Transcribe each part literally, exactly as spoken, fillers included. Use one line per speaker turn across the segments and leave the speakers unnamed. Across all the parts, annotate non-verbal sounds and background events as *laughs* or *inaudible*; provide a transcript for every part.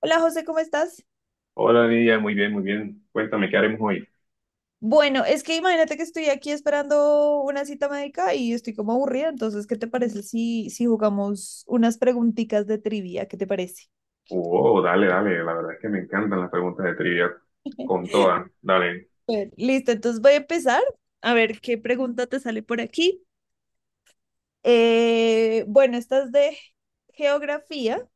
Hola José, ¿cómo estás?
Hola Lidia, muy bien, muy bien. Cuéntame, ¿qué haremos hoy?
Bueno, es que imagínate que estoy aquí esperando una cita médica y estoy como aburrida, entonces, ¿qué te parece si, si jugamos unas preguntitas de trivia? ¿Qué te parece?
Oh, dale, dale, la verdad es que me encantan las preguntas de trivia. Con todas, dale.
Súper. Listo, entonces voy a empezar a ver qué pregunta te sale por aquí. Eh, bueno, esta es de geografía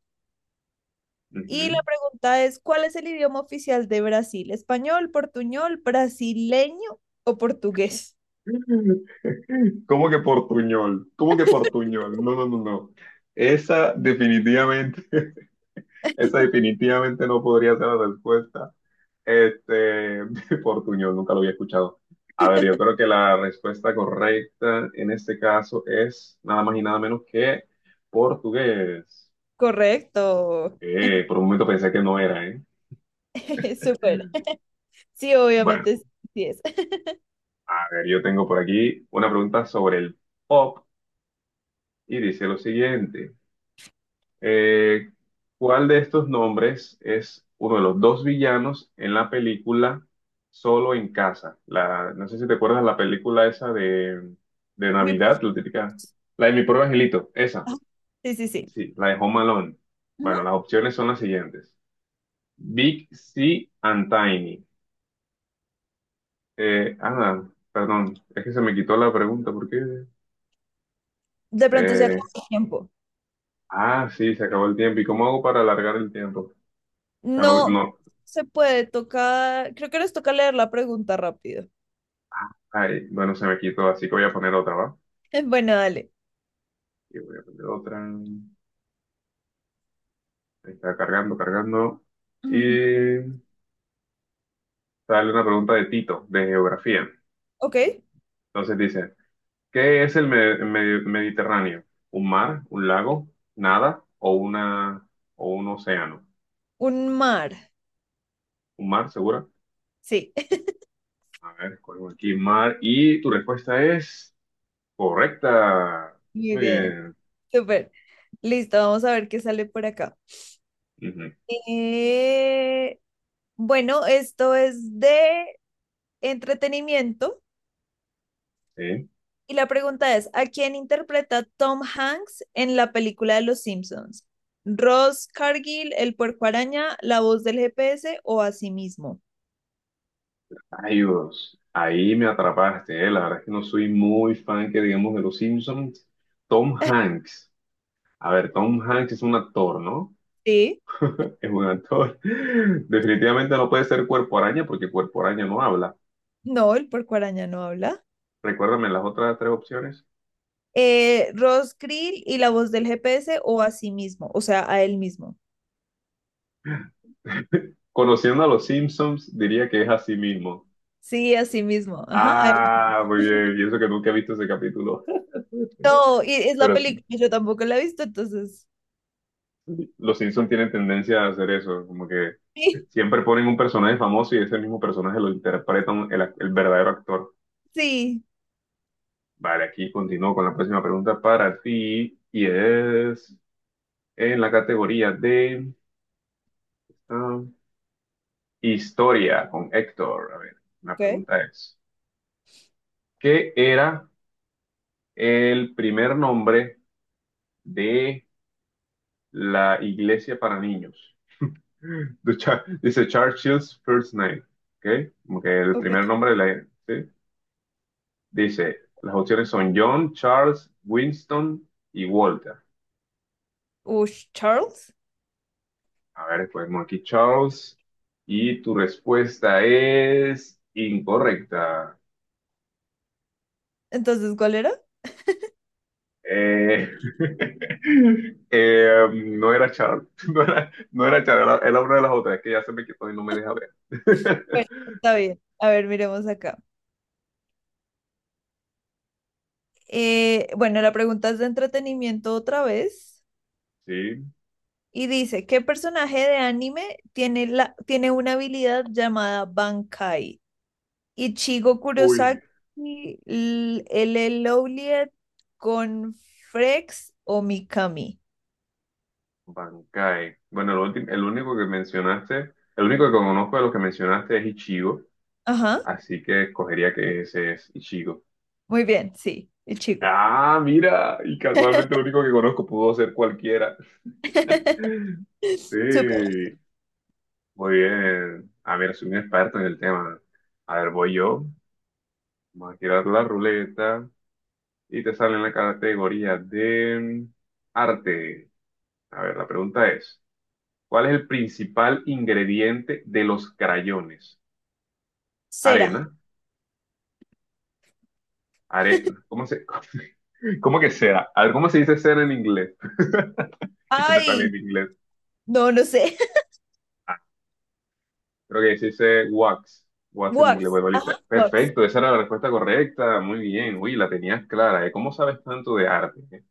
y la
Ujú.
pregunta es, ¿cuál es el idioma oficial de Brasil? ¿Español, portuñol, brasileño o portugués?
*laughs* ¿Cómo que portuñol? ¿Cómo que portuñol? No, no, no, no. Esa definitivamente, *laughs* esa definitivamente no podría ser la respuesta. Este, *laughs* portuñol, nunca lo había escuchado. A ver, yo creo que la respuesta correcta en este caso es nada más y nada menos que portugués.
Correcto.
Eh, por un momento pensé que no era, ¿eh?
*laughs* Súper. Sí,
Bueno,
obviamente sí es.
a ver, yo tengo por aquí una pregunta sobre el pop y dice lo siguiente. Eh, ¿Cuál de estos nombres es uno de los dos villanos en la película Solo en Casa? La, no sé si te acuerdas la película esa de, de
Mi
Navidad,
pro-
la típica, la de Mi Pobre Angelito, esa,
Sí, sí, sí.
sí, la de Home Alone. Bueno,
Ujú.
las opciones son las siguientes. Big C and Tiny. Eh, ah, Perdón, es que se me quitó la pregunta, ¿por qué?
De pronto se acaba
Eh,
el tiempo.
ah, sí, se acabó el tiempo. ¿Y cómo hago para alargar el tiempo? O sea, no,
No
no,
se puede tocar. Creo que nos toca leer la pregunta rápido.
ay, bueno, se me quitó, así que voy a poner otra, ¿va?
*laughs* Bueno, dale.
Y voy a poner otra. Ahí está cargando, cargando.
Ujú.
Y sale una pregunta de Tito, de geografía.
Ok.
Entonces dice, ¿qué es el me- me- Mediterráneo? ¿Un mar, un lago, nada o una o un océano?
Un mar.
¿Un mar, segura?
Sí. *laughs*
A ver, escogemos aquí mar. Y tu respuesta es... correcta.
Muy
Muy
bien.
bien.
Súper. Listo. Vamos a ver qué sale por acá.
Ujú,
Eh, bueno, esto es de entretenimiento.
sí.
Y la pregunta es, ¿a quién interpreta Tom Hanks en la película de Los Simpsons? ¿Ross Cargill, el puerco araña, la voz del G P S o a sí mismo?
Adiós. Ahí me atrapaste, ¿eh? La verdad es que no soy muy fan que digamos de los Simpsons. Tom Hanks. A ver, Tom Hanks es un actor, ¿no?
Sí,
*laughs* Es un actor. *laughs* Definitivamente no puede ser Cuerpo Araña porque Cuerpo Araña no habla.
no, el puerco araña no habla.
Recuérdame las otras tres opciones.
Eh, Ross Krill y la voz del G P S o a sí mismo, o sea, a él mismo.
Conociendo a los Simpsons, diría que es así mismo.
Sí, a sí mismo. Ajá, a él mismo.
Ah, muy bien. Y eso que nunca he visto ese capítulo.
No, y es
*laughs*
la
Pero sí,
película, yo tampoco la he visto, entonces.
sí, los Simpsons tienen tendencia a hacer eso, como que
Sí,
siempre ponen un personaje famoso y ese mismo personaje lo interpreta un- el, el verdadero actor.
sí.
Vale, aquí continúo con la próxima pregunta para ti y es en la categoría de ah, historia con Héctor. A ver, la
Ok,
pregunta es, ¿qué era el primer nombre de la iglesia para niños? *laughs* The Cha- dice Churchill's First Name, ¿ok? Como que el
ok.
primer nombre de la... ¿sí? Dice, las opciones son John, Charles, Winston y Walter.
Ush, Charles.
A ver, ponemos aquí Charles. Y tu respuesta es incorrecta.
Entonces, ¿cuál era?
Eh, *laughs* eh, no era Charles, *laughs* no era, no era Charles, era, era una de las otras, es que ya se me quitó y no me deja ver. *laughs*
Bueno, está bien. A ver, miremos acá. Eh, bueno, la pregunta es de entretenimiento otra vez
Sí,
y dice, ¿qué personaje de anime tiene, la, tiene una habilidad llamada Bankai? Ichigo
uy,
Kurosaki, L- LL Lowliet, con Frex o Mikami.
Bankai. Bueno, el, ulti- el único que mencionaste, el único que conozco de los que mencionaste es Ichigo,
Ajá,
así que escogería que ese es Ichigo.
muy bien, sí, Ichigo.
Ah, mira, y casualmente lo único que conozco pudo ser cualquiera.
*laughs* Súper.
Sí, muy bien. A ver, soy un experto en el tema. A ver, voy yo. Vamos a girar la ruleta y te sale en la categoría de arte. A ver, la pregunta es, ¿cuál es el principal ingrediente de los crayones?
Cera.
Arena, arena. ¿Cómo se, *laughs* cómo que cera? A ver, ¿cómo se dice cera en inglés? *laughs* Y que me sale en
Ay,
inglés.
no, no sé.
Creo que se dice wax.
*laughs*
Wax en inglés,
Wax. Ajá,
futbolista.
Wax.
Perfecto, esa era la respuesta correcta. Muy bien. Uy, la tenías clara, ¿eh? ¿Cómo sabes tanto de arte, eh?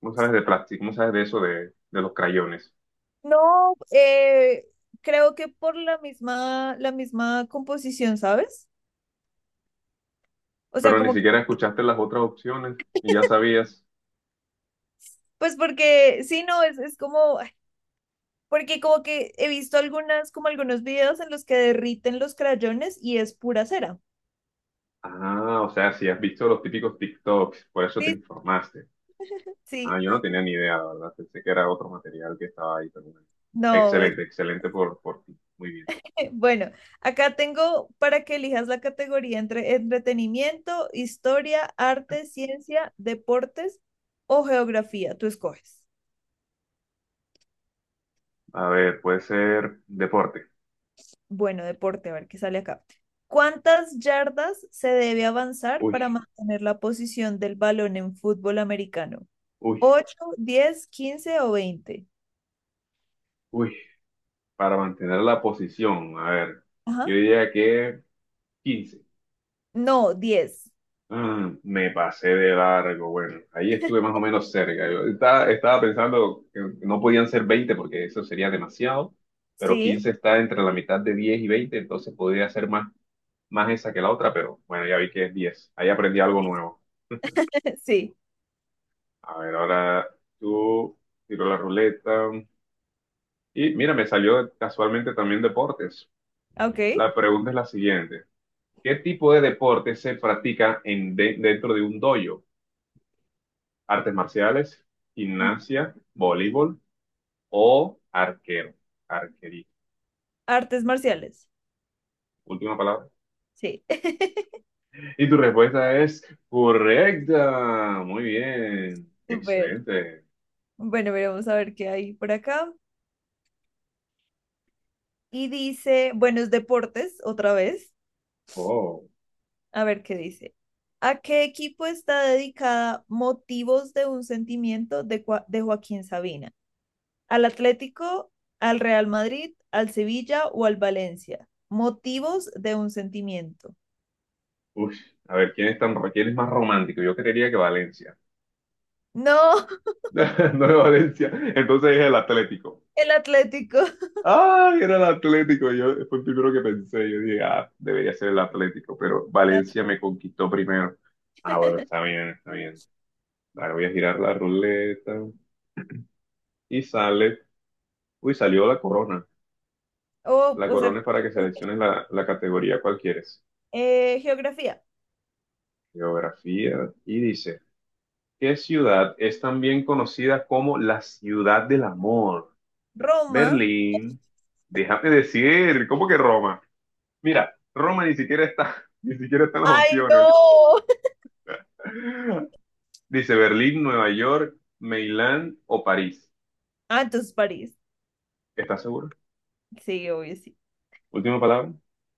¿Cómo sabes de plástico? ¿Cómo sabes de eso de, de los crayones?
No, eh, creo que por la misma, la misma composición, ¿sabes? O sea,
Pero ni
como, que-
siquiera escuchaste las otras opciones y ya sabías.
pues porque, sí, no, es, es como, ay, porque como que he visto algunas, como algunos videos en los que derriten los crayones y es pura cera.
Ah, o sea, si has visto los típicos TikToks, por eso te
Sí,
informaste. Ah,
sí,
yo no tenía ni idea, la verdad. Pensé que era otro material que estaba ahí, pero bueno.
no, es-
Excelente, excelente por, por ti. Muy bien.
*laughs* bueno, acá tengo para que elijas la categoría entre entretenimiento, historia, arte, ciencia, deportes o geografía, tú escoges.
A ver, puede ser deporte.
Bueno, deporte, a ver qué sale acá. ¿Cuántas yardas se debe avanzar para
Uy,
mantener la posición del balón en fútbol americano?
uy,
Ocho, diez, quince o veinte.
uy, para mantener la posición. A ver, yo
Ajá.
diría que quince.
No, diez.
Ah, me pasé de largo. Bueno, ahí estuve más o menos cerca. Yo estaba, estaba pensando que no podían ser veinte porque eso sería demasiado, pero
Sí,
quince está entre la mitad de diez y veinte, entonces podría ser más, más esa que la otra, pero bueno, ya vi que es diez. Ahí aprendí algo nuevo.
*laughs* sí.
A ver, ahora tú tiro la ruleta. Y mira, me salió casualmente también deportes.
Ok.
La pregunta es la siguiente. ¿Qué tipo de deporte se practica en, de- dentro de un dojo? ¿Artes marciales,
Ajá.
gimnasia, voleibol o arquero? Arquería.
Artes marciales.
Última palabra.
Sí. *laughs*
Y tu respuesta es correcta. Muy bien.
Súper.
Excelente.
Bueno, veremos a ver qué hay por acá. Y dice, bueno, es deportes, otra vez.
Oh,
A ver qué dice. ¿A qué equipo está dedicada Motivos de un sentimiento de, Cua- de Joaquín Sabina? ¿Al Atlético, al Real Madrid, al Sevilla o al Valencia? Motivos de un sentimiento.
uy. A ver, ¿quién es tan, quién es más romántico? Yo creería que Valencia.
No, *laughs*
*laughs* No es Valencia. Entonces es el Atlético.
el Atlético.
Ay, era el Atlético. Yo fue el primero que pensé. Yo dije, ah, debería ser el Atlético, pero
El Atl-
Valencia me conquistó primero. Ah, bueno, está bien, está bien. Ahora voy a girar la ruleta y sale. Uy, salió la corona.
Oh,
La
o sea,
corona es para que selecciones la, la categoría cual quieres.
eh, geografía.
Geografía. Y dice, ¿qué ciudad es también conocida como la ciudad del amor?
Roma.
Berlín. Déjame decir, ¿cómo que Roma? Mira, Roma ni siquiera está, *laughs* ni siquiera está en las
Ay,
opciones.
no. *laughs*
Dice Berlín, Nueva York, Milán o París.
Ah, entonces París.
¿Estás seguro?
Sí, obvio, sí.
Última palabra.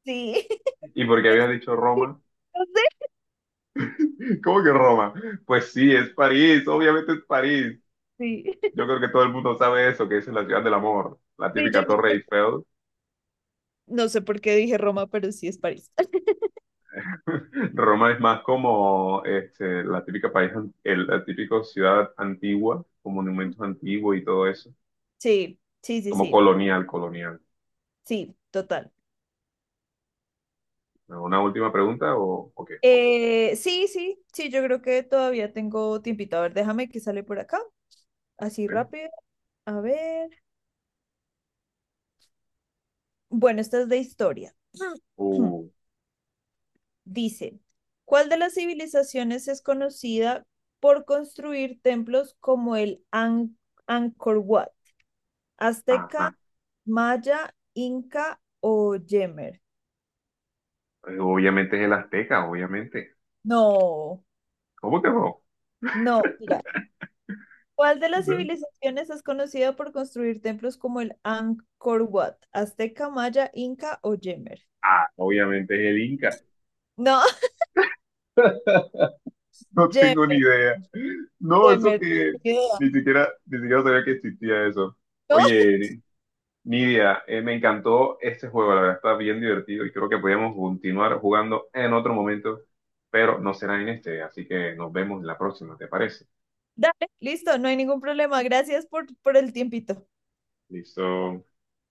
Sí.
¿Y por qué
*laughs*
habías dicho
Sí.
Roma? *laughs* ¿Cómo que Roma? Pues sí, es París, obviamente es París.
Sí.
Yo creo que todo el mundo sabe eso, que esa es la ciudad del amor, la
Sí, yo
típica Torre
no
Eiffel.
No sé por qué dije Roma, pero sí es París.
Roma es más como este, la típica país, an- el, la típica ciudad antigua, con monumentos
*laughs*
antiguos y todo eso,
Sí, sí, sí,
como
sí,
colonial, colonial.
sí, total.
¿Una última pregunta o, o qué?
Eh, sí, sí, sí, yo creo que todavía tengo tiempito. A ver, déjame que sale por acá, así
Bueno,
rápido. A ver. Bueno, esta es de historia. *clears throat*
uh,
Dice, ¿cuál de las civilizaciones es conocida por construir templos como el An- Angkor Wat? ¿Azteca,
ajá.
Maya, Inca o Yemer?
Obviamente es el Azteca, obviamente.
No,
¿Cómo que no?
no, mira. ¿Cuál de las
¿Eh?
civilizaciones es conocida por construir templos como el Angkor Wat? ¿Azteca, Maya, Inca o Jemer?
Ah, obviamente es el Inca.
No, *laughs*
No tengo ni
Jemer.
idea. No, eso
Yemer,
que
ni idea.
ni siquiera, ni siquiera sabía que existía eso.
No, *laughs*
Oye, Nidia, eh, me encantó este juego, la verdad está bien divertido y creo que podríamos continuar jugando en otro momento, pero no será en este, así que nos vemos en la próxima, ¿te parece?
dale, listo, no hay ningún problema. Gracias por, por el tiempito.
Listo.